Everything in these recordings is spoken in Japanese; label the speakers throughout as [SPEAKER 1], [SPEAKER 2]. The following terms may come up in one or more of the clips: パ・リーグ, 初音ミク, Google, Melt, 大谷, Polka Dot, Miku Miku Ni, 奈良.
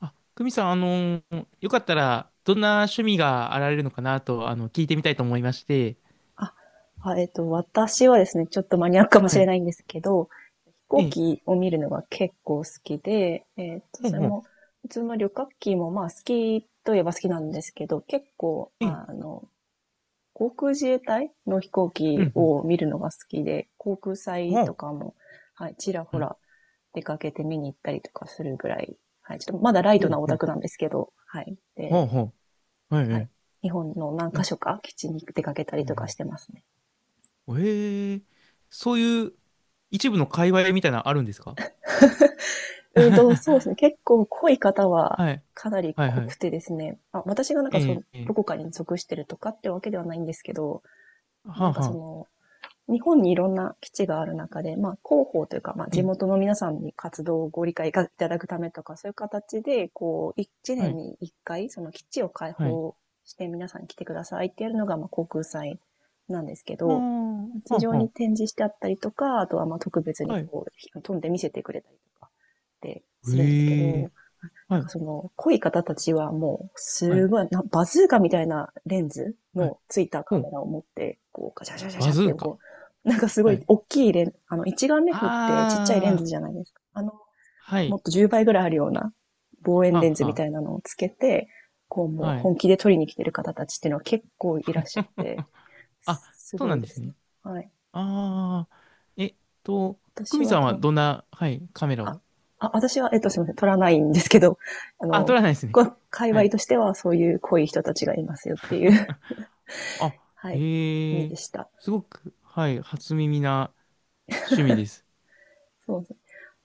[SPEAKER 1] あ、久美さん、よかったら、どんな趣味があられるのかなと、聞いてみたいと思いまして。
[SPEAKER 2] あ、あ、私はですね、ちょっとマニアックかもし
[SPEAKER 1] は
[SPEAKER 2] れ
[SPEAKER 1] い。
[SPEAKER 2] ないんですけど、飛
[SPEAKER 1] え
[SPEAKER 2] 行
[SPEAKER 1] え、
[SPEAKER 2] 機を見るのが結構好きで、
[SPEAKER 1] ほう
[SPEAKER 2] それ
[SPEAKER 1] ほう。
[SPEAKER 2] も、普通の旅客機もまあ好きといえば好きなんですけど、結構、
[SPEAKER 1] ええ、
[SPEAKER 2] 航空自衛隊の飛行
[SPEAKER 1] う
[SPEAKER 2] 機
[SPEAKER 1] ん、うん。
[SPEAKER 2] を見るのが好きで、航空祭
[SPEAKER 1] ほ
[SPEAKER 2] と
[SPEAKER 1] う。
[SPEAKER 2] かも、はい、ちらほ
[SPEAKER 1] はい。
[SPEAKER 2] ら出かけて見に行ったりとかするぐらい、はい、ちょっとまだライ
[SPEAKER 1] ほ
[SPEAKER 2] ト
[SPEAKER 1] う
[SPEAKER 2] なオ
[SPEAKER 1] ほ
[SPEAKER 2] タ
[SPEAKER 1] う。
[SPEAKER 2] クなんですけど、はい。
[SPEAKER 1] ほう
[SPEAKER 2] で、
[SPEAKER 1] ほう。はい、は
[SPEAKER 2] はい。
[SPEAKER 1] い。
[SPEAKER 2] 日本の何箇
[SPEAKER 1] え、
[SPEAKER 2] 所か基地に出かけたり
[SPEAKER 1] う
[SPEAKER 2] とかし
[SPEAKER 1] ん
[SPEAKER 2] てますね。
[SPEAKER 1] うん。へえ、そういう一部の界隈みたいなのあるんですか？
[SPEAKER 2] そ うですね。結構濃い方は
[SPEAKER 1] はい。
[SPEAKER 2] かなり
[SPEAKER 1] はい、
[SPEAKER 2] 濃
[SPEAKER 1] は
[SPEAKER 2] く
[SPEAKER 1] い。
[SPEAKER 2] てですね。あ、私がなんかその、
[SPEAKER 1] ええ、
[SPEAKER 2] ど
[SPEAKER 1] ええ、
[SPEAKER 2] こかに属してるとかってわけではないんですけど、
[SPEAKER 1] は
[SPEAKER 2] な
[SPEAKER 1] あ、
[SPEAKER 2] んか
[SPEAKER 1] は
[SPEAKER 2] そ
[SPEAKER 1] あ。
[SPEAKER 2] の、日本にいろんな基地がある中で、まあ、広報というか、まあ、
[SPEAKER 1] え
[SPEAKER 2] 地
[SPEAKER 1] え、
[SPEAKER 2] 元の皆さんに活動をご理解いただくためとか、そういう形で、こう、1
[SPEAKER 1] は
[SPEAKER 2] 年
[SPEAKER 1] い、
[SPEAKER 2] に1回、その基地を開
[SPEAKER 1] はい。
[SPEAKER 2] 放して皆さん来てくださいってやるのが、まあ、航空祭なんですけ
[SPEAKER 1] あ
[SPEAKER 2] ど、
[SPEAKER 1] あ、
[SPEAKER 2] 地
[SPEAKER 1] は
[SPEAKER 2] 上
[SPEAKER 1] あ、
[SPEAKER 2] に
[SPEAKER 1] は
[SPEAKER 2] 展示してあったりとか、あとはまあ特別
[SPEAKER 1] あ。
[SPEAKER 2] に
[SPEAKER 1] はい。
[SPEAKER 2] こう、飛んで見せてくれたりとかってするんですけ
[SPEAKER 1] ええ、
[SPEAKER 2] ど、なん
[SPEAKER 1] は
[SPEAKER 2] か
[SPEAKER 1] い、
[SPEAKER 2] その、濃い方たちはもう、
[SPEAKER 1] は
[SPEAKER 2] す
[SPEAKER 1] い、
[SPEAKER 2] ごい、なバズーカみたいなレンズ
[SPEAKER 1] はい。
[SPEAKER 2] のついた
[SPEAKER 1] ほ
[SPEAKER 2] カ
[SPEAKER 1] う。
[SPEAKER 2] メラを持って、こう、ガシャガシャガシ
[SPEAKER 1] バ
[SPEAKER 2] ャっ
[SPEAKER 1] ズ
[SPEAKER 2] て、
[SPEAKER 1] ーカ。
[SPEAKER 2] こう、なんかすご
[SPEAKER 1] は
[SPEAKER 2] い
[SPEAKER 1] い、
[SPEAKER 2] 大きい一眼レフってちっちゃいレ
[SPEAKER 1] あ
[SPEAKER 2] ンズ
[SPEAKER 1] あ、
[SPEAKER 2] じゃないですか。
[SPEAKER 1] は
[SPEAKER 2] も
[SPEAKER 1] い。
[SPEAKER 2] っと10倍ぐらいあるような望遠
[SPEAKER 1] は
[SPEAKER 2] レンズみ
[SPEAKER 1] は、
[SPEAKER 2] たいなのをつけて、こうもう
[SPEAKER 1] はい。
[SPEAKER 2] 本気で撮りに来てる方たちっていうのは結構いらっしゃって、
[SPEAKER 1] あ、
[SPEAKER 2] す
[SPEAKER 1] そう
[SPEAKER 2] ご
[SPEAKER 1] な
[SPEAKER 2] い
[SPEAKER 1] んで
[SPEAKER 2] で
[SPEAKER 1] す
[SPEAKER 2] すね。
[SPEAKER 1] ね。
[SPEAKER 2] はい。
[SPEAKER 1] ああ、えっと、久
[SPEAKER 2] 私
[SPEAKER 1] 美
[SPEAKER 2] は
[SPEAKER 1] さんは
[SPEAKER 2] と、
[SPEAKER 1] どんな、はい、カメラ
[SPEAKER 2] あ、
[SPEAKER 1] を。
[SPEAKER 2] 私は、すみません、取らないんですけど、あ
[SPEAKER 1] あ、撮
[SPEAKER 2] の、
[SPEAKER 1] らないですね。
[SPEAKER 2] 界
[SPEAKER 1] は
[SPEAKER 2] 隈
[SPEAKER 1] い。
[SPEAKER 2] としてはそういう濃い人たちがいますよっていう
[SPEAKER 1] あ、
[SPEAKER 2] はい、意
[SPEAKER 1] へ
[SPEAKER 2] 味
[SPEAKER 1] え、
[SPEAKER 2] でした。
[SPEAKER 1] すごく、はい、初耳な趣味です。
[SPEAKER 2] そうですね。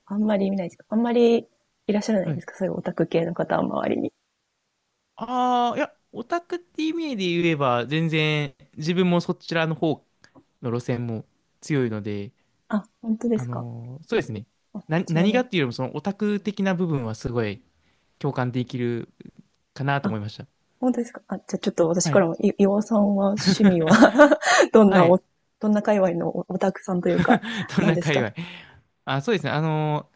[SPEAKER 2] あんまり見ないですか？あんまりいらっしゃらない
[SPEAKER 1] は
[SPEAKER 2] です
[SPEAKER 1] い。
[SPEAKER 2] か？そういうオタク系の方は周りに。
[SPEAKER 1] ああ、いや、オタクって意味で言えば、全然、自分もそちらの方の路線も強いので、
[SPEAKER 2] あ、本当ですか？
[SPEAKER 1] そうですね。
[SPEAKER 2] あ、ちな
[SPEAKER 1] 何
[SPEAKER 2] み
[SPEAKER 1] が
[SPEAKER 2] に。
[SPEAKER 1] っていうよりも、そのオタク的な部分はすごい、共感できるかなと
[SPEAKER 2] あ、
[SPEAKER 1] 思いました。
[SPEAKER 2] 本当ですか？あ、じゃあちょっと私
[SPEAKER 1] は
[SPEAKER 2] か
[SPEAKER 1] い。
[SPEAKER 2] らも、岩尾さんは趣味 は どん
[SPEAKER 1] は
[SPEAKER 2] な
[SPEAKER 1] い。
[SPEAKER 2] お、どんな界隈のオタクさんというか、
[SPEAKER 1] どん
[SPEAKER 2] 何
[SPEAKER 1] な
[SPEAKER 2] です
[SPEAKER 1] 界
[SPEAKER 2] か？
[SPEAKER 1] 隈。あ、そうですね。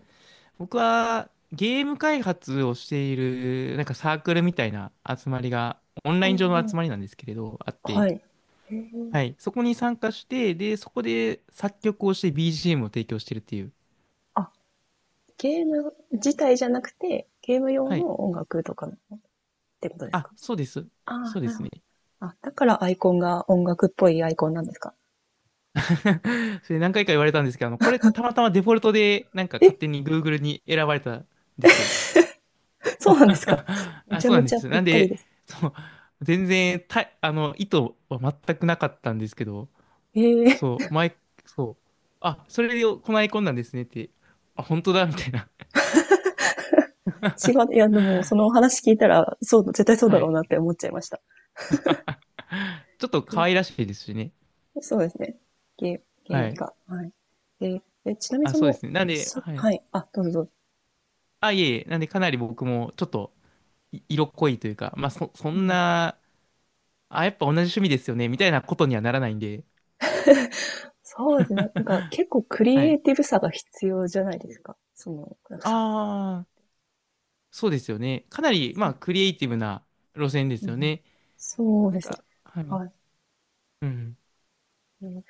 [SPEAKER 1] 僕はゲーム開発をしている、なんかサークルみたいな集まりが、オンラ
[SPEAKER 2] お
[SPEAKER 1] イン上の集
[SPEAKER 2] ー、
[SPEAKER 1] まりなんですけれど、あって、
[SPEAKER 2] はい。へー、
[SPEAKER 1] はい。そこに参加して、で、そこで作曲をして BGM を提供してるっていう。
[SPEAKER 2] あ、ゲーム自体じゃなくて、ゲーム用
[SPEAKER 1] はい。
[SPEAKER 2] の音楽とかってことですか？
[SPEAKER 1] あ、そうです。
[SPEAKER 2] あ
[SPEAKER 1] そう
[SPEAKER 2] あ、
[SPEAKER 1] で
[SPEAKER 2] なる
[SPEAKER 1] す
[SPEAKER 2] ほ
[SPEAKER 1] ね。
[SPEAKER 2] ど。あ、だからアイコンが音楽っぽいアイコンなんですか？
[SPEAKER 1] それ何回か言われたんですけど、これたまたまデフォルトで、なんか
[SPEAKER 2] え、
[SPEAKER 1] 勝手に Google に選ばれたんですよ。
[SPEAKER 2] そうなんですか？ め
[SPEAKER 1] あ、
[SPEAKER 2] ちゃ
[SPEAKER 1] そうな
[SPEAKER 2] め
[SPEAKER 1] んで
[SPEAKER 2] ちゃ
[SPEAKER 1] す。
[SPEAKER 2] ぴっ
[SPEAKER 1] なん
[SPEAKER 2] たり
[SPEAKER 1] で、
[SPEAKER 2] です。
[SPEAKER 1] そう、全然た、あの、意図は全くなかったんですけど、
[SPEAKER 2] え
[SPEAKER 1] そ
[SPEAKER 2] え、
[SPEAKER 1] う、前、そう、あ、それをこないこんなんですねって、あ、本当だ、みたいな。
[SPEAKER 2] 違う、いや、でも、そのお話聞いたら、そう、絶対 そうだ
[SPEAKER 1] は
[SPEAKER 2] ろう
[SPEAKER 1] い。
[SPEAKER 2] なって思っちゃいました。
[SPEAKER 1] あ、ちょっと可愛らしいですしね。
[SPEAKER 2] で、そうですね。ゲー、ゲーム
[SPEAKER 1] はい。
[SPEAKER 2] が。はい。で、ちなみに
[SPEAKER 1] あ、
[SPEAKER 2] そ
[SPEAKER 1] そうで
[SPEAKER 2] の、
[SPEAKER 1] すね。なんで、はい。
[SPEAKER 2] はい。あ、どうぞどうぞ。
[SPEAKER 1] あ、いえいえ、なんでかなり僕もちょっと色濃いというか、まあ、そ
[SPEAKER 2] う
[SPEAKER 1] ん
[SPEAKER 2] ん、
[SPEAKER 1] な、あ、やっぱ同じ趣味ですよね、みたいなことにはならないんで、
[SPEAKER 2] そうですね。なんか結構 ク
[SPEAKER 1] は
[SPEAKER 2] リエ
[SPEAKER 1] い。
[SPEAKER 2] イティブさが必要じゃないですか。その、なんか作曲とか。
[SPEAKER 1] ああ、そうですよね。かなり、まあ、クリエイティブな路線で
[SPEAKER 2] う
[SPEAKER 1] すよ
[SPEAKER 2] ん、
[SPEAKER 1] ね。
[SPEAKER 2] そう
[SPEAKER 1] な
[SPEAKER 2] で
[SPEAKER 1] ん
[SPEAKER 2] すね。
[SPEAKER 1] か、はい。
[SPEAKER 2] はい。
[SPEAKER 1] うん。
[SPEAKER 2] うん、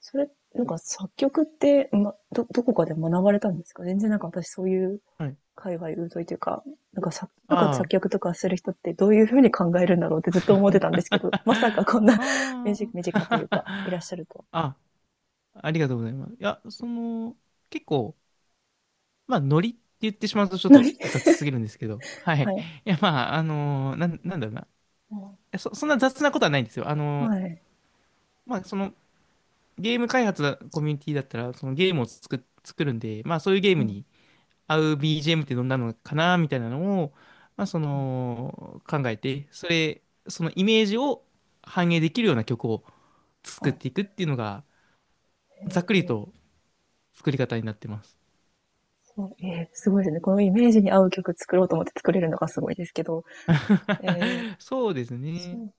[SPEAKER 2] なんか作曲って、どこかで学ばれたんですか？全然なんか私そういう
[SPEAKER 1] はい。
[SPEAKER 2] 界隈疎いというか、なんか作詞とか作
[SPEAKER 1] あ
[SPEAKER 2] 曲とかする人ってどういうふうに考えるんだろうってずっと思ってたんですけど、まさか
[SPEAKER 1] あ。
[SPEAKER 2] こん な 身
[SPEAKER 1] あ
[SPEAKER 2] 近身
[SPEAKER 1] あ。
[SPEAKER 2] 近というか、いらっしゃ るとは。
[SPEAKER 1] あ、ありがとうございます。いや、その、結構、まあ、ノリって言ってしまうとちょっと
[SPEAKER 2] な
[SPEAKER 1] 雑すぎるんですけど、は
[SPEAKER 2] は
[SPEAKER 1] い。
[SPEAKER 2] い。
[SPEAKER 1] いや、まあ、なんだろうな。い
[SPEAKER 2] うん、
[SPEAKER 1] や、そんな雑なことはないんですよ。
[SPEAKER 2] はい。
[SPEAKER 1] まあ、その、ゲーム開発コミュニティだったら、そのゲームを作るんで、まあ、そういうゲー
[SPEAKER 2] う
[SPEAKER 1] ム
[SPEAKER 2] ん、
[SPEAKER 1] に、合う BGM ってどんなのかなみたいなのを、まあ、その考えて、それ、そのイメージを反映できるような曲を作
[SPEAKER 2] は
[SPEAKER 1] っ
[SPEAKER 2] い。
[SPEAKER 1] ていくっていうのが、ざっ
[SPEAKER 2] え
[SPEAKER 1] くり
[SPEAKER 2] ー
[SPEAKER 1] と作り方になってます。
[SPEAKER 2] そう、すごいですね。このイメージに合う曲作ろうと思って作れるのがすごいですけど、ええ、
[SPEAKER 1] そうです
[SPEAKER 2] そ
[SPEAKER 1] ね。
[SPEAKER 2] う、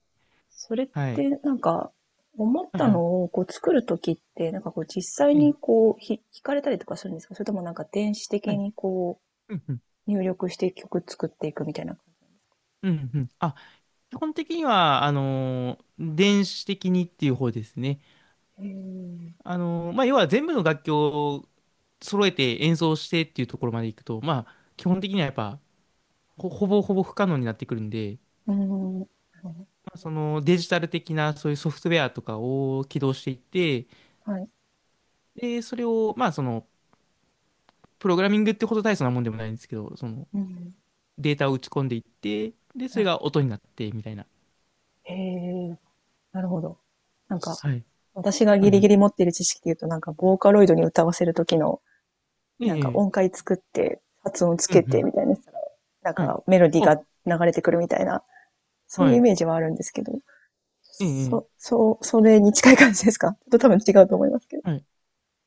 [SPEAKER 2] それっ
[SPEAKER 1] はい。
[SPEAKER 2] てなんか、思っ
[SPEAKER 1] はい
[SPEAKER 2] た
[SPEAKER 1] はい。
[SPEAKER 2] のをこう作るときって、なんかこう実際に
[SPEAKER 1] ええ、
[SPEAKER 2] こう弾かれたりとかするんですか？それともなんか電子
[SPEAKER 1] は
[SPEAKER 2] 的
[SPEAKER 1] い。
[SPEAKER 2] にこ
[SPEAKER 1] うんうん。
[SPEAKER 2] う入力して曲作っていくみたいな。
[SPEAKER 1] うんうん。あ、基本的には、電子的にっていう方ですね。
[SPEAKER 2] うん。
[SPEAKER 1] まあ、要は全部の楽器を揃えて演奏してっていうところまでいくと、まあ、基本的にはやっぱ、ほぼほぼ不可能になってくるんで、
[SPEAKER 2] うーん。なるほ
[SPEAKER 1] まあ、そのデジタル的なそういうソフトウェアとかを起動していって、
[SPEAKER 2] ど、はい。
[SPEAKER 1] で、それを、まあその、プログラミングってほど大層なもんでもないんですけど、その
[SPEAKER 2] うん。
[SPEAKER 1] データを打ち込んでいって、で、そ
[SPEAKER 2] は
[SPEAKER 1] れ
[SPEAKER 2] い。
[SPEAKER 1] が音になってみたいな。
[SPEAKER 2] へえ、なるほど。なんか、
[SPEAKER 1] はい。
[SPEAKER 2] 私が
[SPEAKER 1] は
[SPEAKER 2] ギ
[SPEAKER 1] い
[SPEAKER 2] リ
[SPEAKER 1] は
[SPEAKER 2] ギ
[SPEAKER 1] い。
[SPEAKER 2] リ持っている知識で言うと、なんか、ボーカロイドに歌わせるときの、
[SPEAKER 1] え
[SPEAKER 2] なんか
[SPEAKER 1] え、え
[SPEAKER 2] 音
[SPEAKER 1] え、
[SPEAKER 2] 階作って、発音つ
[SPEAKER 1] うん
[SPEAKER 2] け
[SPEAKER 1] う
[SPEAKER 2] て
[SPEAKER 1] ん。
[SPEAKER 2] みたいなしたら、なん
[SPEAKER 1] はい。
[SPEAKER 2] かメロディー
[SPEAKER 1] あ、
[SPEAKER 2] が流れてくるみたいな、そうい
[SPEAKER 1] は
[SPEAKER 2] うイ
[SPEAKER 1] い。
[SPEAKER 2] メージはあるんですけど。
[SPEAKER 1] ええ、
[SPEAKER 2] そ、
[SPEAKER 1] ええ、
[SPEAKER 2] そう、それに近い感じですか？ ちょっと多分違うと思いますけど。
[SPEAKER 1] はい。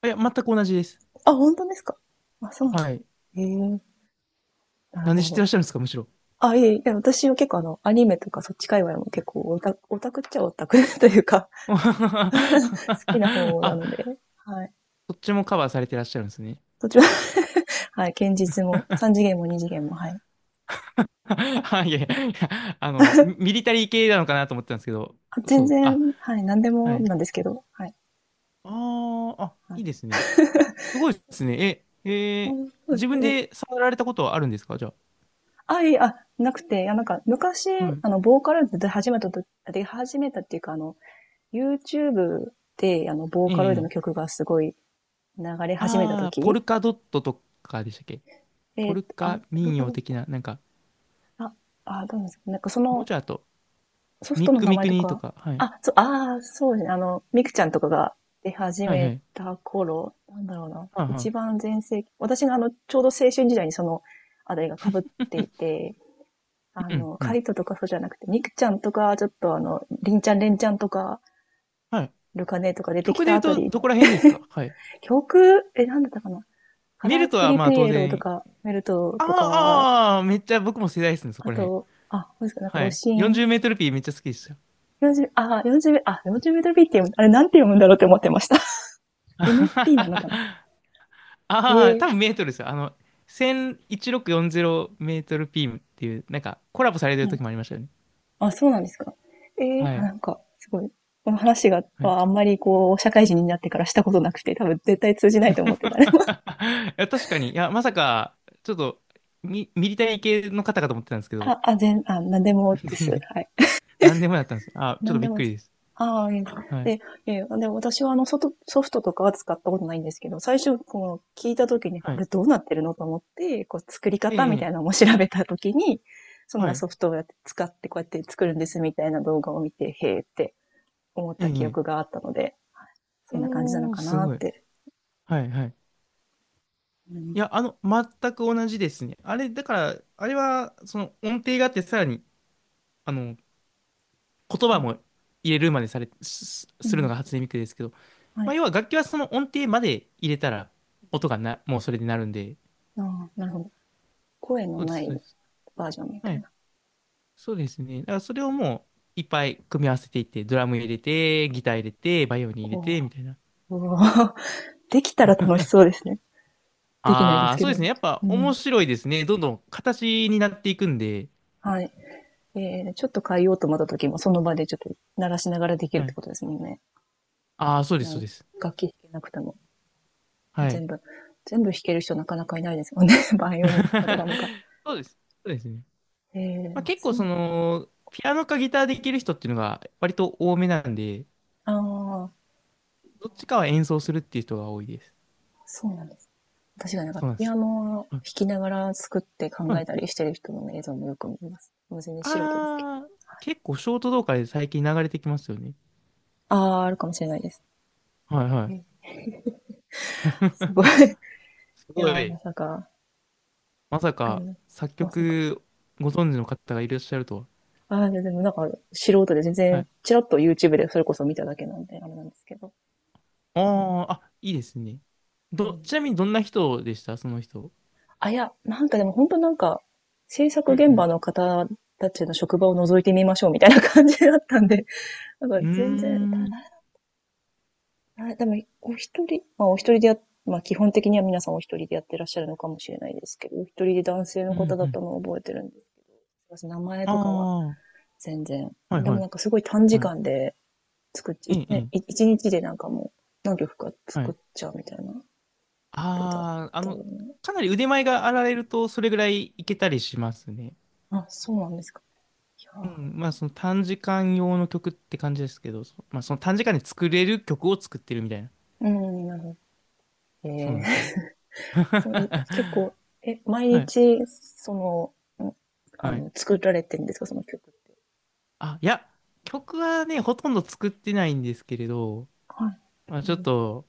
[SPEAKER 1] あ、いや、全く同じです。
[SPEAKER 2] あ、本当ですか？あ、そうな
[SPEAKER 1] はい。
[SPEAKER 2] の。ええ、なる
[SPEAKER 1] なんで
[SPEAKER 2] ほ
[SPEAKER 1] 知ってら
[SPEAKER 2] ど。
[SPEAKER 1] っしゃるんですか、むしろ。
[SPEAKER 2] あ、いえいえ、いや私は結構アニメとかそっち界隈も結構オタクっちゃオタク というか、好きな方
[SPEAKER 1] あ、
[SPEAKER 2] なので、はい。
[SPEAKER 1] そっちもカバーされてらっしゃるんですね。
[SPEAKER 2] そっちは、はい、堅実も、三次元も二次元も、はい。
[SPEAKER 1] はい、いやいや あの、ミリタリー系なのかなと思ってたんですけど、
[SPEAKER 2] あ、全
[SPEAKER 1] そう、
[SPEAKER 2] 然、
[SPEAKER 1] あ、
[SPEAKER 2] はい、何で
[SPEAKER 1] は
[SPEAKER 2] も
[SPEAKER 1] い。
[SPEAKER 2] なんですけど、はい。
[SPEAKER 1] ああ、あ、
[SPEAKER 2] は
[SPEAKER 1] い
[SPEAKER 2] い、
[SPEAKER 1] いですね。すごいですね。え、
[SPEAKER 2] あ、
[SPEAKER 1] えー、
[SPEAKER 2] そうです
[SPEAKER 1] 自
[SPEAKER 2] か。
[SPEAKER 1] 分
[SPEAKER 2] え、
[SPEAKER 1] で触られたことはあるんですかじゃ
[SPEAKER 2] あ、いえ、あ、なくて、いや、なんか、昔、
[SPEAKER 1] あ。はい。
[SPEAKER 2] ボーカルで始めたと、で、始めたっていうか、YouTube で、ボー
[SPEAKER 1] え
[SPEAKER 2] カロイドの
[SPEAKER 1] えええ、
[SPEAKER 2] 曲がすごい流れ始めたと
[SPEAKER 1] ああ、ポ
[SPEAKER 2] き、
[SPEAKER 1] ルカドットとかでしたっけ？ポル
[SPEAKER 2] あ、
[SPEAKER 1] カ
[SPEAKER 2] どれ
[SPEAKER 1] 民謡的
[SPEAKER 2] か、
[SPEAKER 1] な、なんか、
[SPEAKER 2] あ、あ、どうなんですか？なんかそ
[SPEAKER 1] もう
[SPEAKER 2] の、
[SPEAKER 1] ちょいあと、
[SPEAKER 2] ソフ
[SPEAKER 1] ミ
[SPEAKER 2] ト
[SPEAKER 1] ッ
[SPEAKER 2] の
[SPEAKER 1] ク
[SPEAKER 2] 名
[SPEAKER 1] ミ
[SPEAKER 2] 前
[SPEAKER 1] ク
[SPEAKER 2] と
[SPEAKER 1] ニと
[SPEAKER 2] か、
[SPEAKER 1] か、はい。
[SPEAKER 2] あ、そう、ああ、そうですね。ミクちゃんとかが出始
[SPEAKER 1] はいは
[SPEAKER 2] め
[SPEAKER 1] い。
[SPEAKER 2] た頃、なんだろうな。
[SPEAKER 1] はい
[SPEAKER 2] 一
[SPEAKER 1] は
[SPEAKER 2] 番全盛期。私がちょうど青春時代にその、あれが被っていて、
[SPEAKER 1] い。うん、う
[SPEAKER 2] カ
[SPEAKER 1] ん。
[SPEAKER 2] リトとかそうじゃなくて、ミクちゃんとか、ちょっとリンちゃん、レンちゃんとか、
[SPEAKER 1] はい。
[SPEAKER 2] ルカネとか出てき
[SPEAKER 1] 曲で
[SPEAKER 2] た
[SPEAKER 1] 言う
[SPEAKER 2] あた
[SPEAKER 1] と、
[SPEAKER 2] り、
[SPEAKER 1] どこら辺ですか、はい。
[SPEAKER 2] 曲、なんだったかな、カ
[SPEAKER 1] メ
[SPEAKER 2] ラ
[SPEAKER 1] ルト
[SPEAKER 2] ク
[SPEAKER 1] は、
[SPEAKER 2] リ
[SPEAKER 1] ま
[SPEAKER 2] ピ
[SPEAKER 1] あ、当
[SPEAKER 2] エロと
[SPEAKER 1] 然、
[SPEAKER 2] か、メルト
[SPEAKER 1] あ
[SPEAKER 2] とか、
[SPEAKER 1] ー、あー、めっちゃ僕も世代ですね、そ
[SPEAKER 2] あ
[SPEAKER 1] こら辺。
[SPEAKER 2] と、あ、何ですか、なんか、
[SPEAKER 1] は
[SPEAKER 2] ロ
[SPEAKER 1] い。
[SPEAKER 2] シ
[SPEAKER 1] 40
[SPEAKER 2] ン。
[SPEAKER 1] メートルピーめっちゃ好きですよ。
[SPEAKER 2] 40、あ、40メ、あ、40メートルビーって読む、あれなんて読むんだろうって思ってました。MP なのかなって。
[SPEAKER 1] ああ、多
[SPEAKER 2] え
[SPEAKER 1] 分メートルですよ。101640メートルピーっていう、なんかコラボされてる
[SPEAKER 2] うん。
[SPEAKER 1] 時もありましたよね。
[SPEAKER 2] あ、そうなんですか。
[SPEAKER 1] は
[SPEAKER 2] あ、な
[SPEAKER 1] い。
[SPEAKER 2] んか、すごい。この話が、
[SPEAKER 1] はい。
[SPEAKER 2] あんまりこう、社会人になってからしたことなくて、多分絶対通じな いと思ってた。
[SPEAKER 1] いや、確かに。いや、まさか、ちょっと、ミリタリー系の方かと思ってたんですけど、
[SPEAKER 2] あ、あ、なんでも です。
[SPEAKER 1] 全然、
[SPEAKER 2] はい。
[SPEAKER 1] 何でもやったんですよ。あ、ち
[SPEAKER 2] な
[SPEAKER 1] ょっと
[SPEAKER 2] んで
[SPEAKER 1] びっ
[SPEAKER 2] も、
[SPEAKER 1] くりです。
[SPEAKER 2] ああ、いいです、
[SPEAKER 1] は
[SPEAKER 2] で、
[SPEAKER 1] い。
[SPEAKER 2] いえ、で、私はソフトとかは使ったことないんですけど、最初、こう、聞いたときに、
[SPEAKER 1] は
[SPEAKER 2] こ
[SPEAKER 1] い。
[SPEAKER 2] れどうなってるのと思って、こう、作り
[SPEAKER 1] え
[SPEAKER 2] 方
[SPEAKER 1] え、
[SPEAKER 2] みた
[SPEAKER 1] え
[SPEAKER 2] いなの
[SPEAKER 1] え、
[SPEAKER 2] も調べたときに、そん
[SPEAKER 1] は
[SPEAKER 2] な
[SPEAKER 1] い。
[SPEAKER 2] ソフトをやって使って、こうやって作るんですみたいな動画を見て、へえって思っ
[SPEAKER 1] え
[SPEAKER 2] た記
[SPEAKER 1] え、
[SPEAKER 2] 憶
[SPEAKER 1] ええ、
[SPEAKER 2] があったので、そんな感じなの
[SPEAKER 1] おー、
[SPEAKER 2] か
[SPEAKER 1] す
[SPEAKER 2] な
[SPEAKER 1] ご
[SPEAKER 2] っ
[SPEAKER 1] い。
[SPEAKER 2] て。
[SPEAKER 1] はい、はい。
[SPEAKER 2] うん、
[SPEAKER 1] いや、あの、全く同じですね。あれ、だから、あれは、その音程があって、さらにあの、言葉も入れるまでされ、す、
[SPEAKER 2] う
[SPEAKER 1] するの
[SPEAKER 2] ん、
[SPEAKER 1] が初音ミクですけど、
[SPEAKER 2] は
[SPEAKER 1] まあ、
[SPEAKER 2] い。
[SPEAKER 1] 要は楽器はその音程まで入れたら、音がな、もうそれでなるんで、
[SPEAKER 2] ああ、なるほど。声の
[SPEAKER 1] そうで
[SPEAKER 2] な
[SPEAKER 1] す、そう
[SPEAKER 2] い
[SPEAKER 1] です。
[SPEAKER 2] バージョンみた
[SPEAKER 1] は
[SPEAKER 2] い
[SPEAKER 1] い。
[SPEAKER 2] な。
[SPEAKER 1] そうですね。だからそれをもう、いっぱい組み合わせていって、ドラム入れて、ギター入れて、バイオリン入
[SPEAKER 2] お
[SPEAKER 1] れ
[SPEAKER 2] お、
[SPEAKER 1] て、みたいな。
[SPEAKER 2] おー、 できたら楽しそうですね。できないで
[SPEAKER 1] あ
[SPEAKER 2] す
[SPEAKER 1] あ、
[SPEAKER 2] け
[SPEAKER 1] そう
[SPEAKER 2] ど。
[SPEAKER 1] ですね。やっぱ
[SPEAKER 2] う
[SPEAKER 1] 面
[SPEAKER 2] ん。
[SPEAKER 1] 白いですね。どんどん形になっていくんで。
[SPEAKER 2] はい。ちょっと変えようと思った時も、その場でちょっと鳴らしながらできる
[SPEAKER 1] は
[SPEAKER 2] って
[SPEAKER 1] い。
[SPEAKER 2] ことですもんね。
[SPEAKER 1] ああ、そうです、そ
[SPEAKER 2] う
[SPEAKER 1] う
[SPEAKER 2] ん、
[SPEAKER 1] です。
[SPEAKER 2] 楽器弾けなくても、
[SPEAKER 1] はい。
[SPEAKER 2] 全部、全部弾ける人なかなかいないですもんね。バイオリンとかドラムか。
[SPEAKER 1] そうです。そうですね。
[SPEAKER 2] ええ、
[SPEAKER 1] まあ、結構
[SPEAKER 2] そ
[SPEAKER 1] そ
[SPEAKER 2] う。
[SPEAKER 1] の、ピアノかギターできる人っていうのが割と多めなんで、
[SPEAKER 2] ああ、
[SPEAKER 1] どっちかは演奏するっていう人が多いです。
[SPEAKER 2] そうなんです。私がなんか
[SPEAKER 1] そうなんで
[SPEAKER 2] ピ
[SPEAKER 1] す
[SPEAKER 2] ア
[SPEAKER 1] よ。
[SPEAKER 2] ノを弾
[SPEAKER 1] はい
[SPEAKER 2] きながら作って
[SPEAKER 1] は
[SPEAKER 2] 考え
[SPEAKER 1] い。
[SPEAKER 2] たりしてる人の映像もよく見ます。もう全然素人ですけど。
[SPEAKER 1] あー、
[SPEAKER 2] はい、
[SPEAKER 1] 結構ショート動画で最近流れてきますよね。
[SPEAKER 2] ああ、あるかもしれないです。
[SPEAKER 1] はいは
[SPEAKER 2] うん。
[SPEAKER 1] い。
[SPEAKER 2] すごい。
[SPEAKER 1] す
[SPEAKER 2] い
[SPEAKER 1] ご
[SPEAKER 2] やー、ま
[SPEAKER 1] い。
[SPEAKER 2] さか、
[SPEAKER 1] まさ
[SPEAKER 2] う
[SPEAKER 1] か
[SPEAKER 2] ん。
[SPEAKER 1] 作
[SPEAKER 2] まさか、
[SPEAKER 1] 曲ご存知の方がいらっしゃるとは。
[SPEAKER 2] ああ、でもなんか、素人で全
[SPEAKER 1] は
[SPEAKER 2] 然、
[SPEAKER 1] い。
[SPEAKER 2] チラッと YouTube でそれこそ見ただけなんで、あれなんですけど。う
[SPEAKER 1] あ
[SPEAKER 2] ん、
[SPEAKER 1] ー、あ、いいですね。
[SPEAKER 2] う
[SPEAKER 1] ど、
[SPEAKER 2] ん。
[SPEAKER 1] ちなみにどんな人でしたその人。
[SPEAKER 2] あ、いや、なんかでも本当なんか、制作
[SPEAKER 1] う
[SPEAKER 2] 現場
[SPEAKER 1] ん
[SPEAKER 2] の方たちの職場を覗いてみましょうみたいな感じだったんで、なんか
[SPEAKER 1] う
[SPEAKER 2] 全然、た
[SPEAKER 1] ん。うー
[SPEAKER 2] だ、
[SPEAKER 1] ん。
[SPEAKER 2] あ、でも、お一人、まあお一人でや、まあ基本的には皆さんお一人でやってらっしゃるのかもしれないですけど、お一人で男性の
[SPEAKER 1] う
[SPEAKER 2] 方
[SPEAKER 1] ん
[SPEAKER 2] だ
[SPEAKER 1] う
[SPEAKER 2] った
[SPEAKER 1] ん。
[SPEAKER 2] のを覚えてるんです。名前
[SPEAKER 1] あ
[SPEAKER 2] とかは
[SPEAKER 1] ー、
[SPEAKER 2] 全然。
[SPEAKER 1] はい
[SPEAKER 2] で
[SPEAKER 1] は
[SPEAKER 2] も
[SPEAKER 1] い。
[SPEAKER 2] なんかすごい短時
[SPEAKER 1] はい。
[SPEAKER 2] 間で、作っちゃ、
[SPEAKER 1] え
[SPEAKER 2] 一
[SPEAKER 1] え、え
[SPEAKER 2] 年、
[SPEAKER 1] え。
[SPEAKER 2] 一日でなんかもう何曲か
[SPEAKER 1] は
[SPEAKER 2] 作っ
[SPEAKER 1] い、
[SPEAKER 2] ちゃうみたいな人だっ
[SPEAKER 1] ああ、
[SPEAKER 2] たよね。
[SPEAKER 1] かなり腕前があられると、それぐらいいけたりしますね。
[SPEAKER 2] あ、そうなんですか。いや
[SPEAKER 1] う
[SPEAKER 2] ー、
[SPEAKER 1] ん、まあその短時間用の曲って感じですけど、そ、まあその短時間で作れる曲を作ってるみたいな。
[SPEAKER 2] うん、なるほど。
[SPEAKER 1] そうなんですよ。
[SPEAKER 2] そう、結構、毎
[SPEAKER 1] はい、
[SPEAKER 2] 日、その、
[SPEAKER 1] はい。
[SPEAKER 2] 作られてるんですか、その曲って。
[SPEAKER 1] あ、いや、曲はね、ほとんど作ってないんですけれど、
[SPEAKER 2] はい。
[SPEAKER 1] まあ
[SPEAKER 2] う
[SPEAKER 1] ちょっ
[SPEAKER 2] ん、
[SPEAKER 1] と、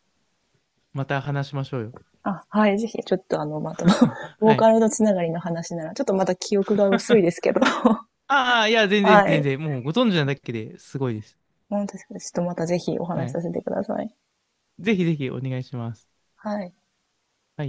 [SPEAKER 1] また話しましょうよ。
[SPEAKER 2] あ、はい、ぜひ、ちょっとまた、ボ
[SPEAKER 1] は
[SPEAKER 2] ーカ
[SPEAKER 1] い。
[SPEAKER 2] ルのつながりの話なら、ちょっとまた記憶が薄いですけど、
[SPEAKER 1] ああ、いや、全然
[SPEAKER 2] は
[SPEAKER 1] 全
[SPEAKER 2] い。
[SPEAKER 1] 然、もうご存知なだけですごいです。
[SPEAKER 2] 本当ですか？ちょっとまたぜひお
[SPEAKER 1] は
[SPEAKER 2] 話し
[SPEAKER 1] い。
[SPEAKER 2] させてください。
[SPEAKER 1] ぜひぜひお願いします。
[SPEAKER 2] はい。
[SPEAKER 1] はい。